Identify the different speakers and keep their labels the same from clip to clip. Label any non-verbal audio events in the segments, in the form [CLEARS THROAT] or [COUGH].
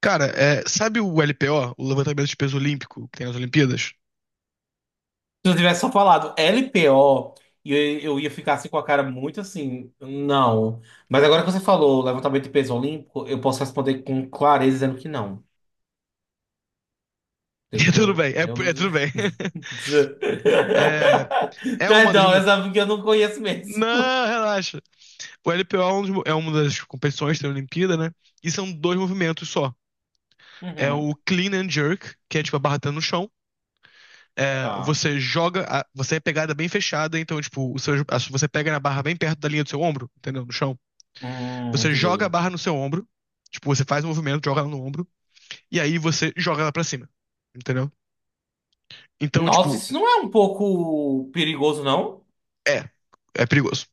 Speaker 1: Cara, sabe o LPO, o levantamento de peso olímpico, que tem nas Olimpíadas? [LAUGHS]
Speaker 2: Se eu tivesse só falado LPO, eu, eu ia ficar assim com a cara muito assim, não. Mas agora que você falou levantamento de peso olímpico, eu posso responder com clareza dizendo que não. Você
Speaker 1: É tudo
Speaker 2: entendeu?
Speaker 1: bem,
Speaker 2: Eu
Speaker 1: é
Speaker 2: não-
Speaker 1: tudo bem. [LAUGHS]
Speaker 2: [LAUGHS]
Speaker 1: É, é uma das.
Speaker 2: Perdão,
Speaker 1: mo-
Speaker 2: essa é porque eu não conheço mesmo.
Speaker 1: Não, relaxa. O LPO é uma das competições que tem na Olimpíada, né? E são dois movimentos só. É
Speaker 2: Uhum,
Speaker 1: o clean and jerk, que é tipo a barra tá no chão. É,
Speaker 2: tá.
Speaker 1: você joga, a- você é pegada bem fechada, então, tipo, você pega na barra bem perto da linha do seu ombro, entendeu? No chão. Você joga a
Speaker 2: Entendi.
Speaker 1: barra no seu ombro, tipo, você faz um movimento, joga ela no ombro, e aí você joga ela pra cima, entendeu? Então,
Speaker 2: Nossa,
Speaker 1: tipo,
Speaker 2: isso não é um pouco perigoso, não?
Speaker 1: é, é perigoso.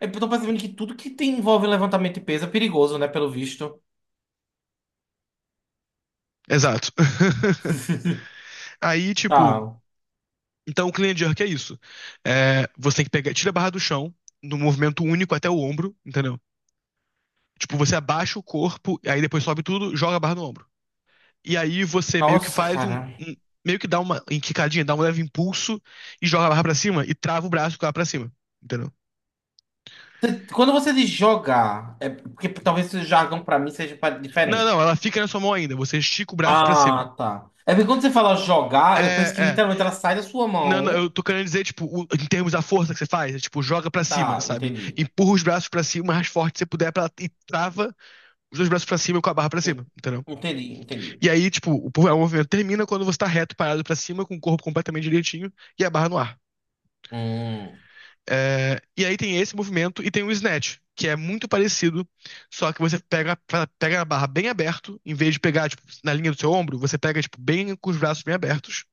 Speaker 2: É, eu tô percebendo que tudo que envolve levantamento de peso é perigoso, né? Pelo visto.
Speaker 1: Exato.
Speaker 2: [LAUGHS]
Speaker 1: [LAUGHS] Aí, tipo,
Speaker 2: Tá.
Speaker 1: então o clean and jerk é isso. É, você tem que pegar, tira a barra do chão, num movimento único até o ombro, entendeu? Tipo, você abaixa o corpo, aí depois sobe tudo, joga a barra no ombro. E aí você meio que
Speaker 2: Nossa,
Speaker 1: faz
Speaker 2: cara.
Speaker 1: um- meio que dá uma enquicadinha, dá um leve impulso e joga a barra pra cima e trava o braço com ela pra cima, entendeu?
Speaker 2: Quando você diz jogar, é porque talvez o jargão pra mim seja
Speaker 1: Não,
Speaker 2: diferente.
Speaker 1: não, ela fica na sua mão ainda, você estica o braço pra cima.
Speaker 2: Ah, tá. É porque quando você fala
Speaker 1: É,
Speaker 2: jogar, eu penso que
Speaker 1: é.
Speaker 2: literalmente ela sai da sua
Speaker 1: Não, não, eu
Speaker 2: mão.
Speaker 1: tô querendo dizer, tipo, em termos da força que você faz, tipo, joga pra
Speaker 2: Ah,
Speaker 1: cima,
Speaker 2: tá,
Speaker 1: sabe?
Speaker 2: entendi.
Speaker 1: Empurra os braços pra cima o mais forte que você puder pra, e trava os dois braços pra cima com a barra pra
Speaker 2: En-
Speaker 1: cima, entendeu?
Speaker 2: Entendi,
Speaker 1: E aí, tipo, o movimento termina quando você tá reto, parado pra cima, com o corpo completamente direitinho e a barra no ar.
Speaker 2: Hum,
Speaker 1: E aí tem esse movimento e tem o snatch, que é muito parecido, só que você pega a barra bem aberto, em vez de pegar, tipo, na linha do seu ombro, você pega, tipo, bem com os braços bem abertos.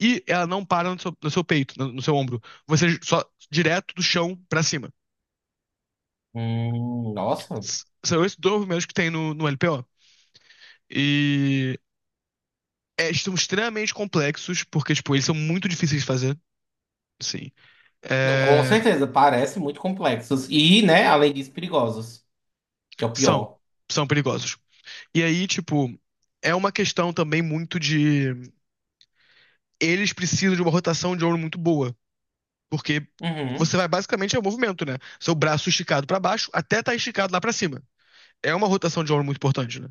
Speaker 1: E ela não para no seu, peito, no seu ombro. Você só direto do chão pra cima.
Speaker 2: hum, nossa.
Speaker 1: São esses dois movimentos que tem no LPO. E são extremamente complexos, porque, tipo, eles são muito difíceis de fazer. Sim.
Speaker 2: Não, com
Speaker 1: É,
Speaker 2: certeza, parece muito complexos. E, né, além disso, perigosos, que é o
Speaker 1: são.
Speaker 2: pior.
Speaker 1: São perigosos. E aí, tipo, é uma questão também muito de. Eles precisam de uma rotação de ombro muito boa. Porque
Speaker 2: Uhum.
Speaker 1: você vai basicamente é o movimento, né? Seu braço esticado pra baixo até tá esticado lá pra cima. É uma rotação de ombro muito importante, né?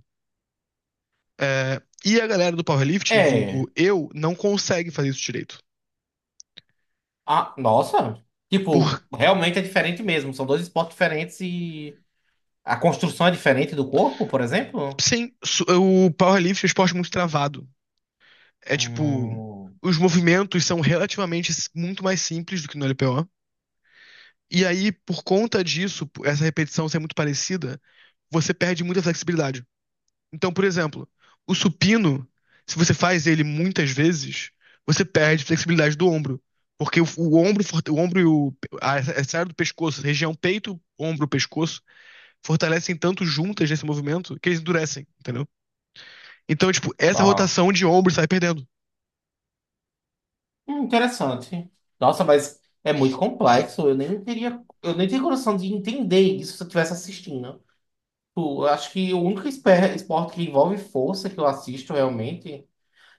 Speaker 1: E a galera do powerlifting,
Speaker 2: É.
Speaker 1: vulgo eu, não consegue fazer isso direito.
Speaker 2: Ah, nossa.
Speaker 1: Por,
Speaker 2: Tipo, realmente é diferente mesmo. São dois esportes diferentes e a construção é diferente do corpo, por exemplo?
Speaker 1: sim, o powerlifting é um esporte muito travado. É tipo,
Speaker 2: Hum,
Speaker 1: os movimentos são relativamente muito mais simples do que no LPO. E aí, por conta disso, por essa repetição ser muito parecida, você perde muita flexibilidade. Então, por exemplo, o supino, se você faz ele muitas vezes, você perde flexibilidade do ombro. Porque o ombro, o ombro e a área do pescoço, região peito, ombro, pescoço, fortalecem tanto juntas nesse movimento que eles endurecem, entendeu? Então, tipo, essa
Speaker 2: tá.
Speaker 1: rotação de ombros sai perdendo.
Speaker 2: Interessante. Nossa, mas é muito complexo. Eu nem teria coração de entender isso se eu estivesse assistindo. Tipo, eu acho que o único esporte que envolve força que eu assisto realmente.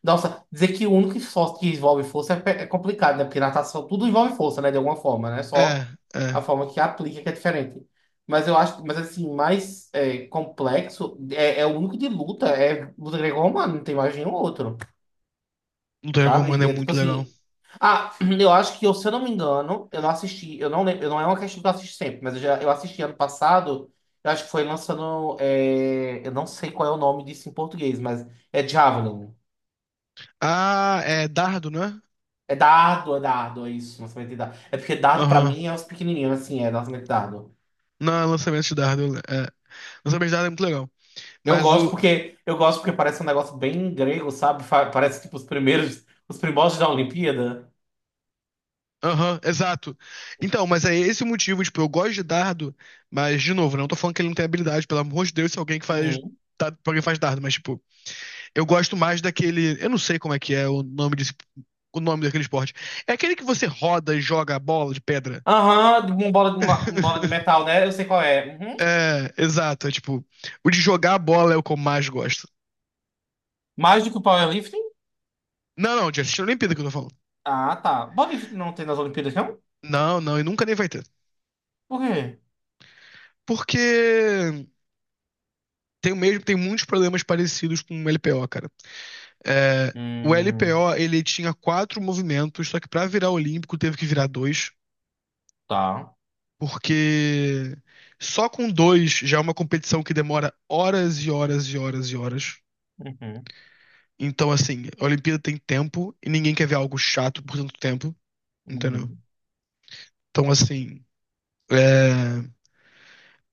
Speaker 2: Nossa, dizer que o único esporte que envolve força é complicado, né? Porque natação tudo envolve força, né? De alguma forma, né?
Speaker 1: É,
Speaker 2: Só a
Speaker 1: é.
Speaker 2: forma que aplica que é diferente. Mas eu acho, mas assim, complexo é, é o único de luta, é luta greco-romana, não tem mais nenhum outro.
Speaker 1: Luta greco-romana
Speaker 2: Sabe?
Speaker 1: é
Speaker 2: É tipo
Speaker 1: muito legal.
Speaker 2: assim. Ah, [CLEARS THROAT] eu acho eu, se eu não me engano, eu não assisti, eu não lembro, eu não é uma questão que eu assisto sempre, mas eu assisti ano passado, eu acho que foi lançando. É, eu não sei qual é o nome disso em português, mas é Javelin.
Speaker 1: Ah, é dardo, né?
Speaker 2: É dardo, é dardo, é isso, lançamento de dardo. É porque dardo pra
Speaker 1: Aham.
Speaker 2: mim é os pequenininhos, assim, é lançamento de dardo.
Speaker 1: Não, é lançamento de dardo. É. Lançamento de dardo é muito legal. Mas o.
Speaker 2: Eu gosto porque parece um negócio bem grego, sabe? Parece tipo os primórdios da Olimpíada.
Speaker 1: Aham, exato. Então, mas é esse o motivo, tipo, eu gosto de dardo, mas, de novo, não tô falando que ele não tem habilidade, pelo amor de Deus, se alguém que faz.
Speaker 2: Uhum.
Speaker 1: Dardo, alguém faz dardo, mas, tipo, eu gosto mais daquele. Eu não sei como é que é o nome desse, o nome daquele esporte. É aquele que você roda e joga a bola de pedra.
Speaker 2: Aham, de uma uma bola de
Speaker 1: [LAUGHS]
Speaker 2: metal, né? Eu sei qual é. Uhum.
Speaker 1: É, exato. É tipo, o de jogar a bola é o que eu mais gosto.
Speaker 2: Mais do que o powerlifting?
Speaker 1: Não, não, de assistir a Olimpíada que eu tô falando.
Speaker 2: Ah, tá. Bodyfit não tem nas Olimpíadas, não?
Speaker 1: Não, não, e nunca nem vai ter.
Speaker 2: Por quê?
Speaker 1: Porque tem muitos problemas parecidos com o LPO, cara. É, o
Speaker 2: Hum,
Speaker 1: LPO, ele tinha quatro movimentos, só que pra virar olímpico teve que virar dois.
Speaker 2: tá.
Speaker 1: Porque só com dois já é uma competição que demora horas e horas e horas e horas.
Speaker 2: Uhum,
Speaker 1: Então, assim, a Olimpíada tem tempo e ninguém quer ver algo chato por tanto tempo, entendeu?
Speaker 2: uhum.
Speaker 1: Então, assim, é,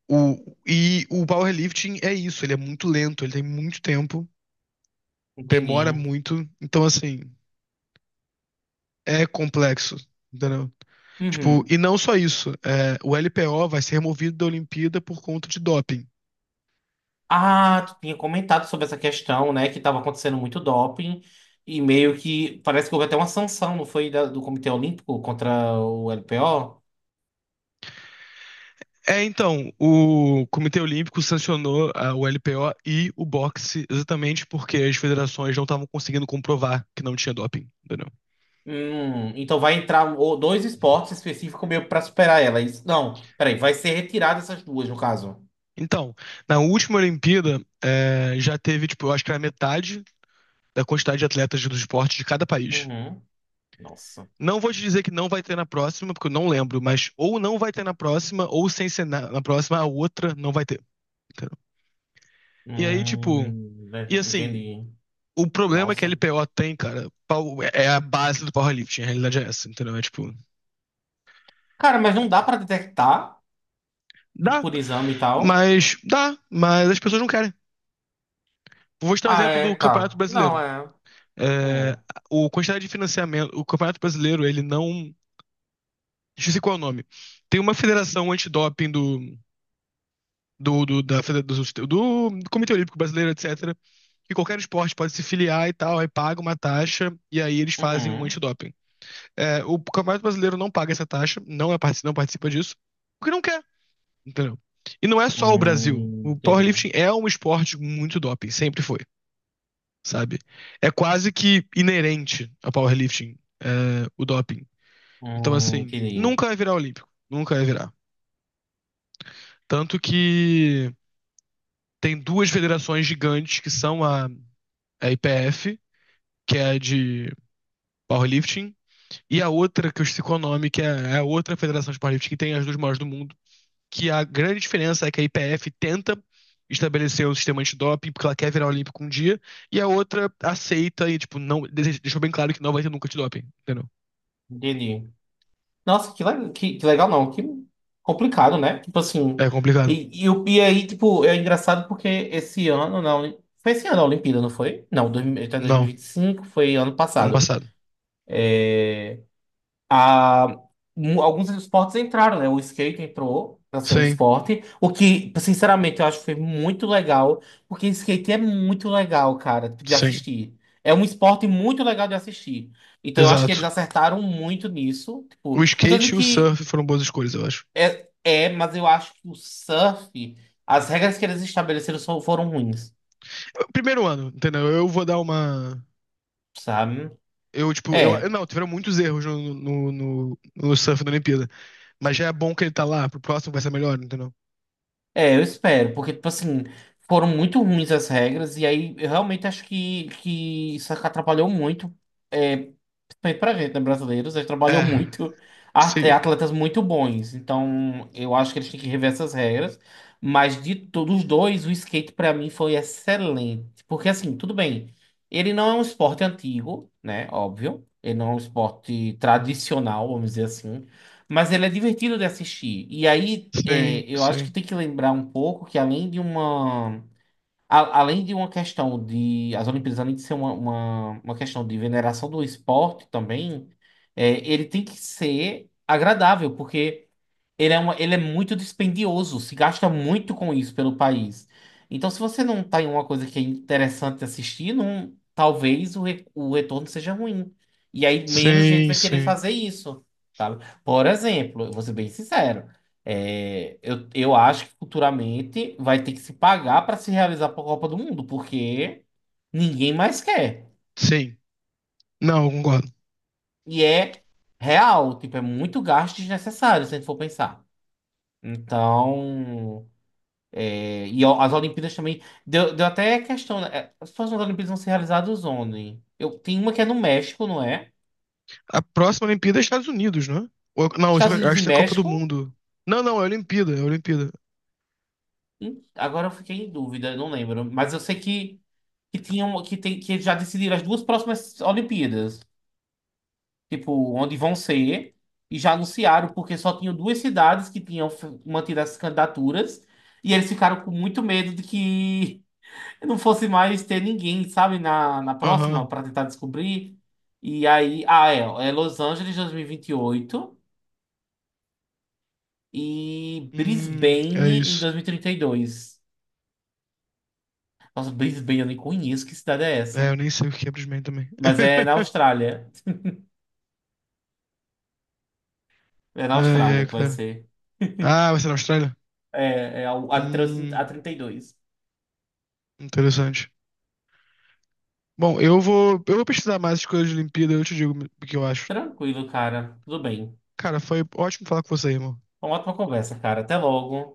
Speaker 1: e o powerlifting é isso, ele é muito lento, ele tem muito tempo, demora
Speaker 2: Entendi.
Speaker 1: muito. Então, assim, é complexo, entendeu? Tipo,
Speaker 2: Uhum.
Speaker 1: e não só isso, o LPO vai ser removido da Olimpíada por conta de doping.
Speaker 2: Ah, tu tinha comentado sobre essa questão, né? Que estava acontecendo muito doping e meio que parece que houve até uma sanção, não foi? Do Comitê Olímpico contra o LPO?
Speaker 1: Então, o Comitê Olímpico sancionou o LPO e o boxe exatamente porque as federações não estavam conseguindo comprovar que não tinha doping, entendeu?
Speaker 2: Então vai entrar dois esportes específicos meio para superar ela. É isso, não, peraí, vai ser retirada essas duas, no caso.
Speaker 1: Então, na última Olimpíada, já teve, tipo, eu acho que era metade da quantidade de atletas do esporte de cada país.
Speaker 2: Uhum. Nossa.
Speaker 1: Não vou te dizer que não vai ter na próxima, porque eu não lembro, mas ou não vai ter na próxima, ou sem ser na, próxima, a outra não vai ter, entendeu? E aí, tipo,
Speaker 2: Hum,
Speaker 1: e assim.
Speaker 2: entendi.
Speaker 1: O problema é que a
Speaker 2: Nossa.
Speaker 1: LPO tem, cara, é a base do powerlifting, a realidade é essa, entendeu? É tipo,
Speaker 2: Cara, mas não dá pra detectar, tipo,
Speaker 1: dá,
Speaker 2: por exame e tal.
Speaker 1: dá, mas as pessoas não querem. Vou te dar um
Speaker 2: Ah,
Speaker 1: exemplo do
Speaker 2: é,
Speaker 1: Campeonato
Speaker 2: tá. Não,
Speaker 1: Brasileiro.
Speaker 2: é.
Speaker 1: É,
Speaker 2: Hum.
Speaker 1: o quantidade de financiamento, o Campeonato Brasileiro, ele não. Deixa eu ver qual é o nome. Tem uma federação antidoping do, do, do, da, do, do, do Comitê Olímpico Brasileiro, etc. Que qualquer esporte pode se filiar e tal, aí paga uma taxa e aí eles fazem um
Speaker 2: Uhum.
Speaker 1: antidoping. O Campeonato Brasileiro não paga essa taxa, não, não participa disso, porque não quer. Entendeu? E não é só o Brasil. O
Speaker 2: Entendi.
Speaker 1: powerlifting é um esporte com muito doping, sempre foi, sabe? É quase que inerente ao powerlifting, o doping. Então, assim,
Speaker 2: Entendi.
Speaker 1: nunca vai virar olímpico, nunca vai virar. Tanto que tem duas federações gigantes que são a IPF, que é a de powerlifting, e a outra, que eu esqueci o nome, que é a outra federação de powerlifting que tem as duas maiores do mundo, que a grande diferença é que a IPF tenta estabelecer um sistema antidoping porque ela quer virar olímpico um dia, e a outra aceita e, tipo, não, deixou bem claro que não vai ter nunca antidoping, entendeu?
Speaker 2: Entendi. Nossa, que legal, não. Que complicado, né? Tipo assim.
Speaker 1: É complicado.
Speaker 2: E aí, tipo, é engraçado porque esse ano, não. Foi esse ano a Olimpíada, não foi? Não, até dois mil e
Speaker 1: Não,
Speaker 2: vinte e cinco, foi ano
Speaker 1: ano
Speaker 2: passado.
Speaker 1: passado.
Speaker 2: a- Alguns esportes entraram, né? O skate entrou para ser um
Speaker 1: Sim,
Speaker 2: esporte, o que, sinceramente, eu acho que foi muito legal, porque skate é muito legal, cara, de
Speaker 1: sim,
Speaker 2: assistir. É um esporte muito legal de assistir. Então eu acho que eles
Speaker 1: exato.
Speaker 2: acertaram muito nisso. Tipo,
Speaker 1: O
Speaker 2: não tô
Speaker 1: skate
Speaker 2: dizendo
Speaker 1: e o
Speaker 2: que
Speaker 1: surf foram boas escolhas, eu acho.
Speaker 2: mas eu acho que o surf, as regras que eles estabeleceram só foram ruins,
Speaker 1: Primeiro ano, entendeu? Eu vou dar uma.
Speaker 2: sabe?
Speaker 1: Eu, tipo, eu. Eu-
Speaker 2: É,
Speaker 1: Não, tiveram muitos erros no, no surf da Olimpíada. Mas já é bom que ele tá lá, pro próximo vai ser melhor, entendeu?
Speaker 2: É, eu espero, porque, tipo assim, foram muito ruins as regras, e aí eu realmente acho que isso atrapalhou muito é, feito pra gente, né? Brasileiros, eles trabalham
Speaker 1: É,
Speaker 2: muito, é,
Speaker 1: sim,
Speaker 2: atletas muito bons. Então, eu acho que eles têm que rever essas regras. Mas de todos os dois, o skate pra mim foi excelente. Porque, assim, tudo bem, ele não é um esporte antigo, né? Óbvio. Ele não é um esporte tradicional, vamos dizer assim. Mas ele é divertido de assistir. E aí, é,
Speaker 1: sim,
Speaker 2: eu acho que
Speaker 1: sim.
Speaker 2: tem que lembrar um pouco que, além de uma questão de. As Olimpíadas, além de ser uma questão de veneração do esporte também, é, ele tem que ser agradável, porque ele é muito dispendioso, se gasta muito com isso pelo país. Então, se você não tá em uma coisa que é interessante assistir, não, talvez o retorno seja ruim. E aí menos gente
Speaker 1: Sim,
Speaker 2: vai querer
Speaker 1: sim.
Speaker 2: fazer isso, sabe? Por exemplo, eu vou ser bem sincero. Eu acho que futuramente vai ter que se pagar para se realizar a Copa do Mundo, porque ninguém mais quer.
Speaker 1: Sim. Não, eu concordo.
Speaker 2: E é real, tipo, é muito gasto desnecessário, se a gente for pensar. Então, é, e ó, as Olimpíadas também. Deu até questão. Né? É, as próximas Olimpíadas vão ser realizadas onde? Eu, tem uma que é no México, não é?
Speaker 1: A próxima Olimpíada é Estados Unidos, não é? Não,
Speaker 2: Estados
Speaker 1: eu
Speaker 2: Unidos
Speaker 1: acho
Speaker 2: e
Speaker 1: que é a Copa do
Speaker 2: México?
Speaker 1: Mundo. Não, não, é Olimpíada, é Olimpíada.
Speaker 2: Agora eu fiquei em dúvida, não lembro. Mas eu sei tem, que já decidiram as duas próximas Olimpíadas. Tipo, onde vão ser, e já anunciaram, porque só tinham duas cidades que tinham mantido essas candidaturas, e eles ficaram com muito medo de que [LAUGHS] não fosse mais ter ninguém, sabe, na próxima,
Speaker 1: Aham.
Speaker 2: para tentar descobrir. E aí, ah, é, é Los Angeles dois mil e vinte e oito e
Speaker 1: É
Speaker 2: Brisbane em
Speaker 1: isso.
Speaker 2: dois mil e trinta e dois. Nossa, Brisbane, eu nem conheço que cidade é
Speaker 1: É,
Speaker 2: essa.
Speaker 1: eu nem sei o que é Brisbane também.
Speaker 2: Mas é na
Speaker 1: [LAUGHS]
Speaker 2: Austrália. É na
Speaker 1: Ai,
Speaker 2: Austrália
Speaker 1: ai,
Speaker 2: que vai
Speaker 1: cara.
Speaker 2: ser.
Speaker 1: Ah, vai ser na Austrália?
Speaker 2: É, a
Speaker 1: Hum,
Speaker 2: trinta e dois.
Speaker 1: interessante. Bom, eu vou pesquisar mais as coisas de Olimpíada, eu te digo o que eu acho.
Speaker 2: Tranquilo, cara. Tudo bem.
Speaker 1: Cara, foi ótimo falar com você, irmão.
Speaker 2: Uma ótima conversa, cara. Até logo.